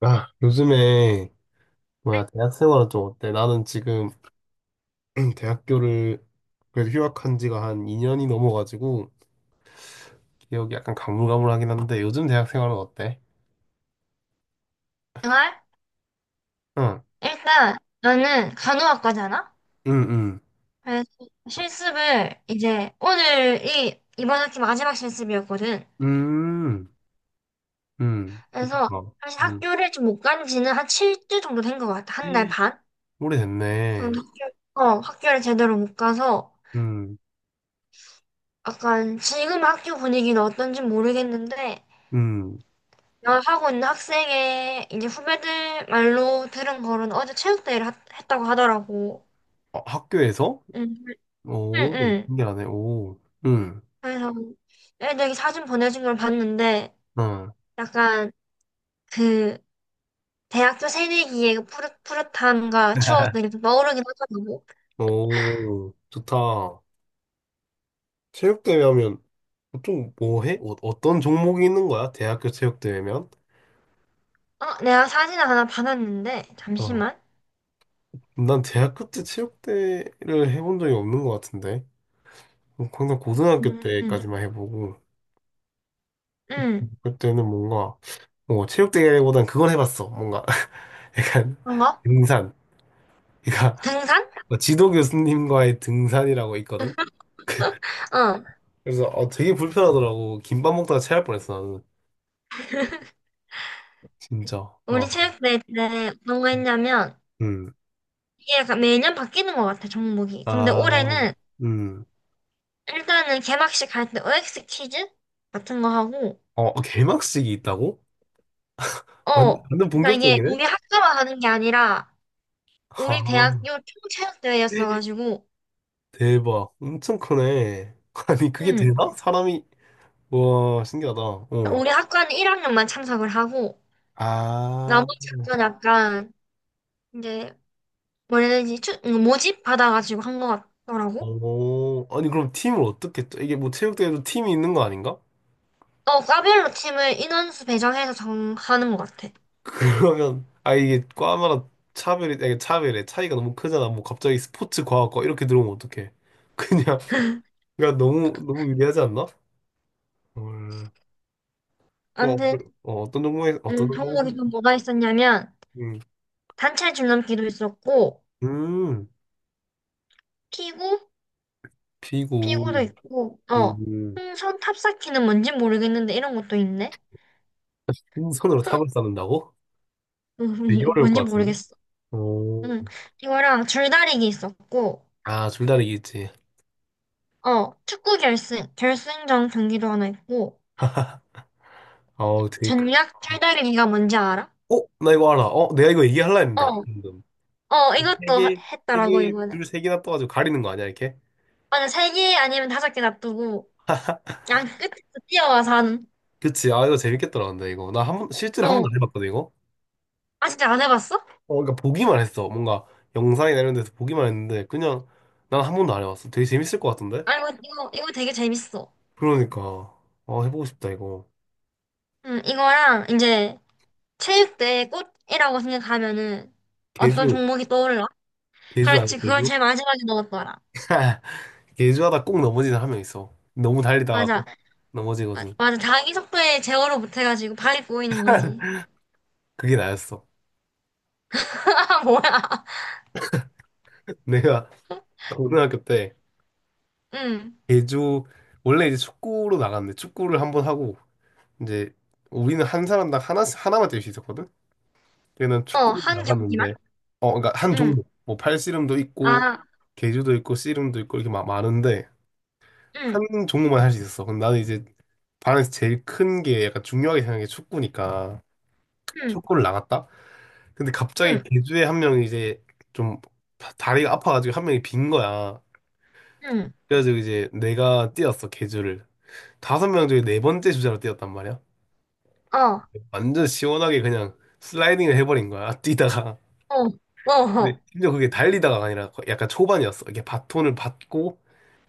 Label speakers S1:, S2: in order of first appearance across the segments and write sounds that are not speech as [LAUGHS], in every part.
S1: 아, 요즘에 뭐야 대학 생활은 좀 어때? 나는 지금 [CLEARS THROAT] 대학교를 그래도 휴학한 지가 한 2년이 넘어가지고 기억이 약간 가물가물하긴 한데 요즘 대학 생활은 어때?
S2: 생활.
S1: 응,
S2: 일단 나는 간호학과잖아?
S1: 응, 응,
S2: 그래서 실습을 이제 오늘이 이번 학기 마지막 실습이었거든.
S1: 음,
S2: 그래서
S1: 그렇구나.
S2: 사실
S1: 음,
S2: 학교를 좀 못 간 지는 한 7주 정도 된 것 같아. 한 달
S1: [GASPS]
S2: 반
S1: 오래됐네.
S2: 정도 학교, 학교를 제대로 못 가서
S1: 음,
S2: 약간 지금 학교 분위기는 어떤지 모르겠는데,
S1: 음,
S2: 내가 하고 있는 학생의 이제 후배들 말로 들은 거는 어제 체육대회를 했다고 하더라고.
S1: 어, 학교에서?
S2: 응, 응,
S1: 오,
S2: 응.
S1: 신기하네. 오, 음,
S2: 그래서 애들이 사진 보내준 걸 봤는데
S1: 응,
S2: 약간 그 대학교 새내기의 그 푸릇, 푸릇함과 추억들이
S1: [LAUGHS]
S2: 좀 떠오르긴 하더라고.
S1: 오, 좋다. 체육대회 하면 보통 뭐 해? 어, 어떤 종목이 있는 거야? 대학교 체육대회면?
S2: 어, 내가 사진을 하나 받았는데
S1: 어.
S2: 잠시만.
S1: 난 대학교 때 체육대회를 해본 적이 없는 것 같은데. 뭐 항상 고등학교
S2: 음, 음,
S1: 때까지만 해보고,
S2: 음.
S1: 그때는 뭔가, 뭐, 체육대회보단 그걸 해봤어. 뭔가, [LAUGHS] 약간,
S2: 그런가?
S1: 등산. 그러니까,
S2: 등산?
S1: 뭐 지도 교수님과의 등산이라고 있거든?
S2: 어.
S1: 그래서, 어, 되게 불편하더라고. 김밥 먹다가 체할 뻔했어, 나는. 진짜. 와.
S2: 우리 체육대회 때 어떤 거 했냐면,
S1: 음.
S2: 이게 약간 매년 바뀌는 것 같아 종목이. 근데
S1: 아,
S2: 올해는
S1: 음.
S2: 일단은 개막식 할 때 OX 퀴즈 같은 거 하고.
S1: 어, 어, 개막식이 있다고?
S2: 어.
S1: 완전
S2: 그러니까 이게
S1: 본격적이네?
S2: 우리 학교만 하는 게 아니라 우리
S1: 아,
S2: 대학교 총체육대회였어가지고,
S1: 대박. 엄청 크네. [LAUGHS] 아니, 그게
S2: 응,
S1: 되나? 사람이, 와, 신기하다. 어.
S2: 우리 학과는 1학년만 참석을 하고,
S1: 아,
S2: 나머지 학교는 약간, 이제, 뭐라 해야 되지, 모집 받아가지고 한 것 같더라고.
S1: 오. 아니, 그럼 팀을 어떻게, 이게 뭐 체육대회도 팀이 있는 거 아닌가?
S2: 어, 과별로 팀을 인원수 배정해서 정하는 것 같아.
S1: [LAUGHS] 그러면, 아, 이게 과마다 차별이, 아니, 차별이, 차이가 너무 크잖아. 뭐 갑자기 스포츠, 과학과 이렇게 들어오면 어떡해. [LAUGHS] 그냥, 그냥 너무, 너무 유리하지 않나? 헐. 어,
S2: 아무튼,
S1: 그- 어, 어떤 종목에, 어떤
S2: 종목이
S1: 종목에,
S2: 또 뭐가 있었냐면,
S1: 음,
S2: 단체 줄넘기도 있었고,
S1: 음,
S2: 피구? 피구도
S1: 피구.
S2: 있고, 어,
S1: 음,
S2: 풍선 탑쌓기는 뭔지 모르겠는데, 이런 것도 있네?
S1: 손으로 탑을 쌓는다고?
S2: 음,
S1: 되게
S2: [LAUGHS]
S1: 어려울
S2: 뭔지
S1: 것 같은데?
S2: 모르겠어.
S1: 오.
S2: 응. 이거랑 줄다리기 있었고,
S1: 아, 줄다리기 있지.
S2: 어, 축구 결승, 결승전 경기도 하나 있고,
S1: 어, 되게 크.
S2: 전략 줄다리기가 뭔지 알아?
S1: 어? 나 이거 알아. 어? 내가 이거 얘기할라 했는데.
S2: 어,
S1: 방금.
S2: 어,
S1: 세
S2: 이것도
S1: 개, 세
S2: 했더라고,
S1: 개,
S2: 이번에.
S1: 줄 세 개나 떠가지고 가리는 거 아니야, 이렇게?
S2: 맞아, 세 개 아니면 다섯 개 놔두고, 양 끝에서 뛰어와서 하는,
S1: 그치. 아, 이거 재밌겠더라, 근데 이거. 나 한 번, 실제로 한
S2: 어.
S1: 번도 안 해봤거든, 이거?
S2: 아, 진짜 안 해봤어?
S1: 어, 그러니까 보기만 했어. 뭔가 영상이나 이런 데서 보기만 했는데, 그냥 난 한 번도 안 해봤어. 되게 재밌을 것 같은데?
S2: 아, 이거 되게 재밌어.
S1: 그러니까. 어, 해보고 싶다, 이거.
S2: 이거랑 이제 체육대회 꽃이라고 생각하면은 어떤
S1: 개주.
S2: 종목이 떠올라?
S1: 개주 아니야,
S2: 그렇지, 그걸
S1: 개주?
S2: 제일 마지막에 넣었더라.
S1: [LAUGHS] 예주하다 꼭 넘어지는 한 명 있어. 너무 달리다가
S2: 맞아,
S1: 꼭
S2: 아,
S1: 넘어지거든.
S2: 맞아. 자기 속도에 제어를 못해가지고 발이 꼬이는 거지.
S1: [LAUGHS] 그게 나였어.
S2: [LAUGHS] 뭐야.
S1: 내가 고등학교 때
S2: 응.
S1: 예주 원래 이제 축구로 나갔는데 축구를 한번 하고 이제 우리는 한 사람당 하나 하나만 뛸 수 있었거든. 걔는
S2: 어,
S1: 축구로
S2: 한 경기만?
S1: 나갔는데 어 그러니까 한
S2: 응.
S1: 종목 뭐 팔씨름도 있고
S2: 아,
S1: 계주도 있고 씨름도 있고 이렇게 막 많은데 한
S2: 응,
S1: 종목만 할 수 있었어. 근데 나는 이제 반에서 제일 큰 게 약간 중요하게 생각한 게 축구니까
S2: 응,
S1: 축구를 나갔다. 근데 갑자기
S2: 응,
S1: 개주에 한 명이 이제 좀 다리가 아파가지고 한 명이 빈 거야.
S2: 응.
S1: 그래가지고 이제 내가 뛰었어, 개주를. 다섯 명 중에 네 번째 주자로 뛰었단 말이야.
S2: 어,
S1: 완전 시원하게 그냥 슬라이딩을 해버린 거야, [LAUGHS] 뛰다가.
S2: 어, 어,
S1: 근데
S2: 어.
S1: 심지어 그게 달리다가 아니라 약간 초반이었어. 이게 바톤을 받고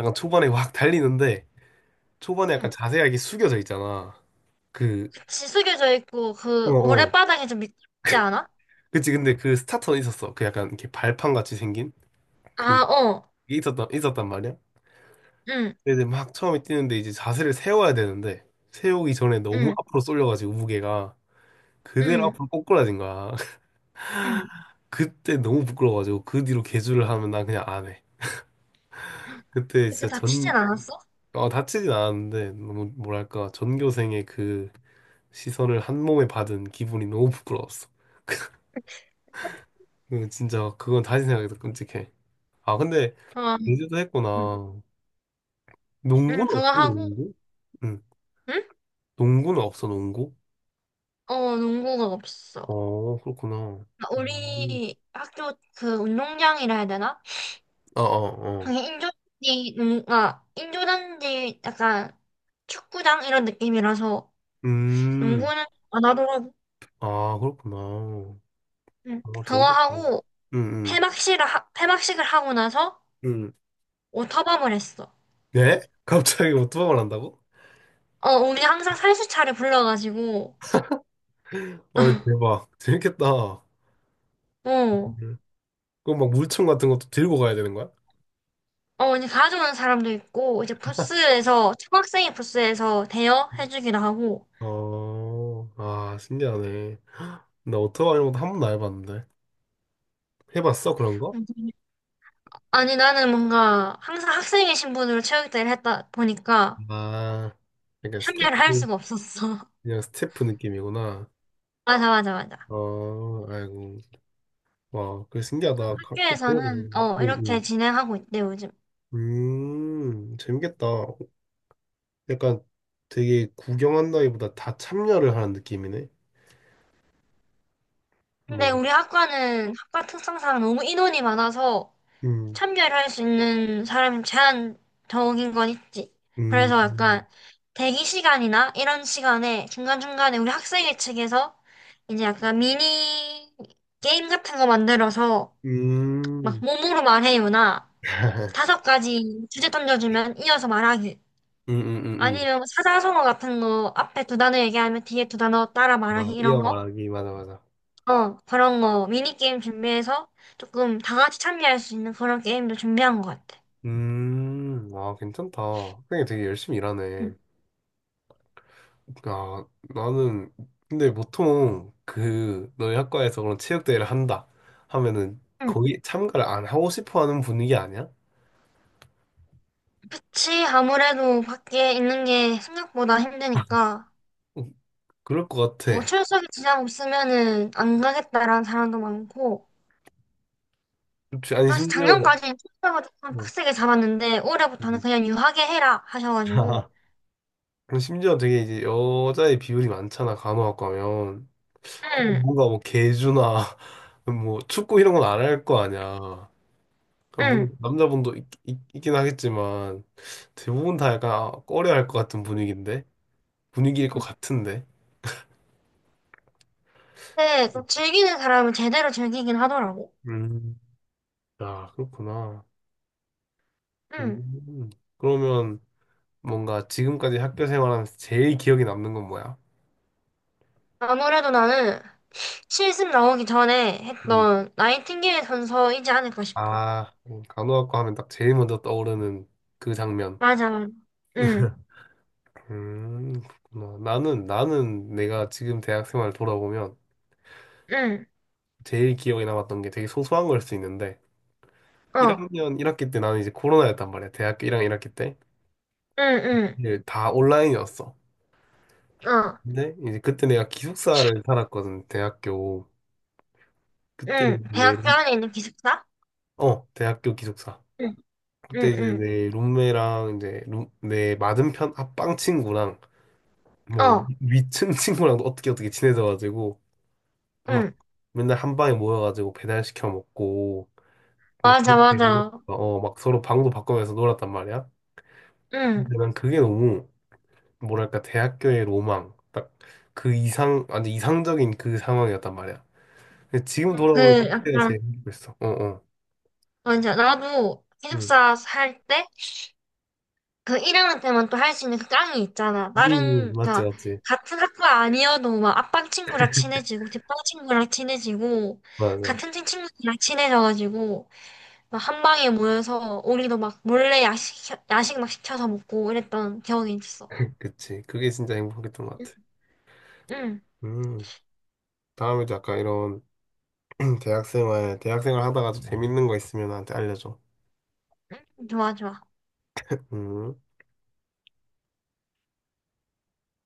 S1: 약간 초반에 확 달리는데 초반에 약간
S2: 응.
S1: 자세가 이렇게 숙여져 있잖아. 그,
S2: 지숙여져 있고,
S1: 어,
S2: 그,
S1: 어.
S2: 모래바닥이 좀 미끄럽지 않아?
S1: 그치, 근데 그 스타터는 있었어. 그 약간 이렇게 발판 같이 생긴? 그,
S2: 아, 어.
S1: 게 있었단 말이야.
S2: 응,
S1: 근데 막 처음에 뛰는데 이제 자세를 세워야 되는데 세우기 전에 너무
S2: 응,
S1: 앞으로 쏠려가지고 무게가 그대로
S2: 응,
S1: 앞으로 꼬꾸라진 거야. [LAUGHS]
S2: 응.
S1: 그때 너무 부끄러워가지고 그 뒤로 계주를 하면 난 그냥 안 해. 그때
S2: 그때
S1: 진짜
S2: 다 튀진
S1: 전
S2: 않았어?
S1: 어, 다치진 않았는데 너무 뭐랄까 전교생의 그 시선을 한 몸에 받은 기분이 너무 부끄러웠어. 그 진짜 그건 다시 생각해도 끔찍해. 아 근데
S2: 어, 응,
S1: 제주도
S2: 응,
S1: 했구나.
S2: 응,
S1: 농구는
S2: 그거
S1: 없어
S2: 하고,
S1: 농구? 응.
S2: 응?
S1: 농구는 없어 농구?
S2: 어, 농구가 없어.
S1: 어 그렇구나.
S2: 아,
S1: 음.
S2: 우리 학교 그 운동장이라 해야 되나?
S1: 어어어.
S2: 그게 인조잔디, 농, 아, 인조잔디 약간 축구장 이런 느낌이라서
S1: 음,
S2: 농구는 안 하더라고.
S1: 아, 그렇구나. 어,
S2: 응. 그거
S1: 재밌겠다. 응,
S2: 하고
S1: 응,
S2: 패막식을 하고 나서
S1: 응.
S2: 오터밤을 했어.
S1: 네? 갑자기 오토바이를 한다고?
S2: 어, 우리 항상 살수차를 불러가지고.
S1: 어이, 대박. 재밌겠다.
S2: 어,
S1: 음. 그럼 막 물총 같은 것도 들고 가야 되는 거야?
S2: 어, 이제 가져오는 사람도 있고 이제 부스에서 초등학생이 부스에서 대여해주기도 하고.
S1: 어, 아, 신기하네. 나 오토바이 이런 것도 한 번도 안 해봤는데. 해봤어, 그런 거?
S2: 음. 아니 나는 뭔가 항상 학생의 신분으로 체육대회를 했다 보니까
S1: 아, 약간
S2: 참여를 할
S1: 스태프,
S2: 수가 없었어.
S1: 그냥 스태프 느낌이구나.
S2: [LAUGHS] 맞아, 맞아, 맞아.
S1: 어, 아이고. 와, 그게 신기하다. 그렇게
S2: 학교에서는
S1: 들어보는구나.
S2: 어
S1: 응,
S2: 이렇게
S1: 응.
S2: 진행하고 있대 요즘.
S1: 재밌겠다. 약간 되게 구경한다기보다 다 참여를 하는 느낌이네.
S2: 근데
S1: 뭔가.
S2: 우리 학과는 학과 특성상 너무 인원이 많아서
S1: 음,
S2: 참여를 할 수 있는 사람이 제한적인 건 있지.
S1: 음,
S2: 그래서
S1: 음,
S2: 약간 대기 시간이나 이런 시간에 중간중간에 우리 학생회 측에서 이제 약간 미니 게임 같은 거 만들어서 막
S1: 음,
S2: 몸으로 말해요나
S1: [LAUGHS]
S2: 다섯 가지 주제 던져주면 이어서 말하기.
S1: 음, 음, 음.
S2: 아니면 사자성어 같은 거 앞에 두 단어 얘기하면 뒤에 두 단어 따라
S1: 음.
S2: 말하기
S1: 아,
S2: 이런
S1: 이어
S2: 거.
S1: 말하기, 맞아, 맞아.
S2: 어, 그런 거 미니게임 준비해서 조금 다 같이 참여할 수 있는 그런 게임도 준비한 것 같아.
S1: 아, 괜찮다. 형이 되게 열심히 일하네.
S2: 응.
S1: 아, 나는, 근데 보통 그, 너희 학과에서 그런 체육대회를 한다 하면은
S2: 응.
S1: 거기 참가를 안 하고 싶어 하는 분위기 아니야?
S2: 그치, 아무래도 밖에 있는 게 생각보다 힘드니까,
S1: 음, 그럴 것
S2: 뭐
S1: 같아.
S2: 출석에 지장 없으면은 안 가겠다라는 사람도 많고,
S1: 그치? 아니,
S2: 사실
S1: 심지어,
S2: 작년까지는 출석을 조금
S1: 어,
S2: 빡세게 잡았는데, 올해부터는
S1: 음.
S2: 그냥 유하게 해라 하셔가지고,
S1: [LAUGHS] 그리고 심지어 되게 이제 여자의 비율이 많잖아, 간호학과 하면. 그럼
S2: 응,
S1: 뭔가 뭐 개주나 [LAUGHS] 뭐 축구 이런 건 안 할 거 아니야. 아,
S2: 응.
S1: 물론 남자분도 있, 긴 하겠지만 대부분 다 약간 아, 꺼려할 것 같은 분위기인데 분위기일 것 같은데.
S2: 근데 또 즐기는 사람은 제대로 즐기긴 하더라고.
S1: 음. 아, 그렇구나.
S2: 응.
S1: 음. 그러면 뭔가 지금까지 학교 생활하면서 제일 기억에 남는 건 뭐야?
S2: 아무래도 나는 실습 나오기 전에
S1: 음.
S2: 했던 나이팅게일 선서이지 않을까 싶어.
S1: 아, 간호학과 하면 딱 제일 먼저 떠오르는 그 장면.
S2: 맞아. 응,
S1: 음, 그렇구나. 나는, 나는 내가 지금 대학 생활 돌아보면
S2: 응,
S1: 제일 기억에 남았던 게 되게 소소한 걸 수 있는데,
S2: 어,
S1: 1학년 1학기 때 나는 이제 코로나였단 말이야. 대학교 1학년 1학기 때.
S2: 응,
S1: 이제 다 온라인이었어.
S2: 응, 어,
S1: 근데 이제 그때 내가 기숙사를 살았거든, 대학교. 그때
S2: 응.
S1: 내,
S2: 대학교 안에 있는 기숙사?
S1: 어, 대학교 기숙사.
S2: 응,
S1: 그때
S2: 응,
S1: 이제
S2: 응,
S1: 내 룸메랑 이제 룸, 내 맞은편 앞방 친구랑 뭐
S2: 어,
S1: 위층 [LAUGHS] 친구랑도 어떻게 어떻게 친해져가지고 막
S2: 응.
S1: 맨날 한 방에 모여가지고 배달시켜 먹고 막
S2: 맞아,
S1: 그렇게 놀았어.
S2: 맞아.
S1: 어, 막 서로 방도 바꾸면서 놀았단 말이야.
S2: 응.
S1: 근데 난 그게 너무 뭐랄까 대학교의 로망 딱 그 이상 완전 이상적인 그 상황이었단 말이야. 근데 지금
S2: 응, 그,
S1: 돌아보면 그때가
S2: 약간,
S1: 제일 행복했어. 어, 어,
S2: 맞아. 나도
S1: 응,
S2: 기숙사 살 때, 그 1학년 때만 또 할 수 있는 그 깡이 있잖아. 나름,
S1: 맞지,
S2: 그니까,
S1: 맞지,
S2: 같은 학과 아니어도 막 앞방 친구랑 친해지고, 뒷방 친구랑 친해지고,
S1: 맞아,
S2: 같은 친 친구랑 친해져가지고, 막 한 방에 모여서, 우리도 막 몰래 야식 막 시켜서 먹고 이랬던 기억이 있어.
S1: 그치. 그게 진짜 행복했던 것 같아.
S2: 응,
S1: 음, 다음에도 약간 이런 [CLEARS THROAT] 대학생활 하다가 도 재밌는 거 있으면 나한테 알려줘.
S2: 응, 좋아, 좋아.
S1: 음.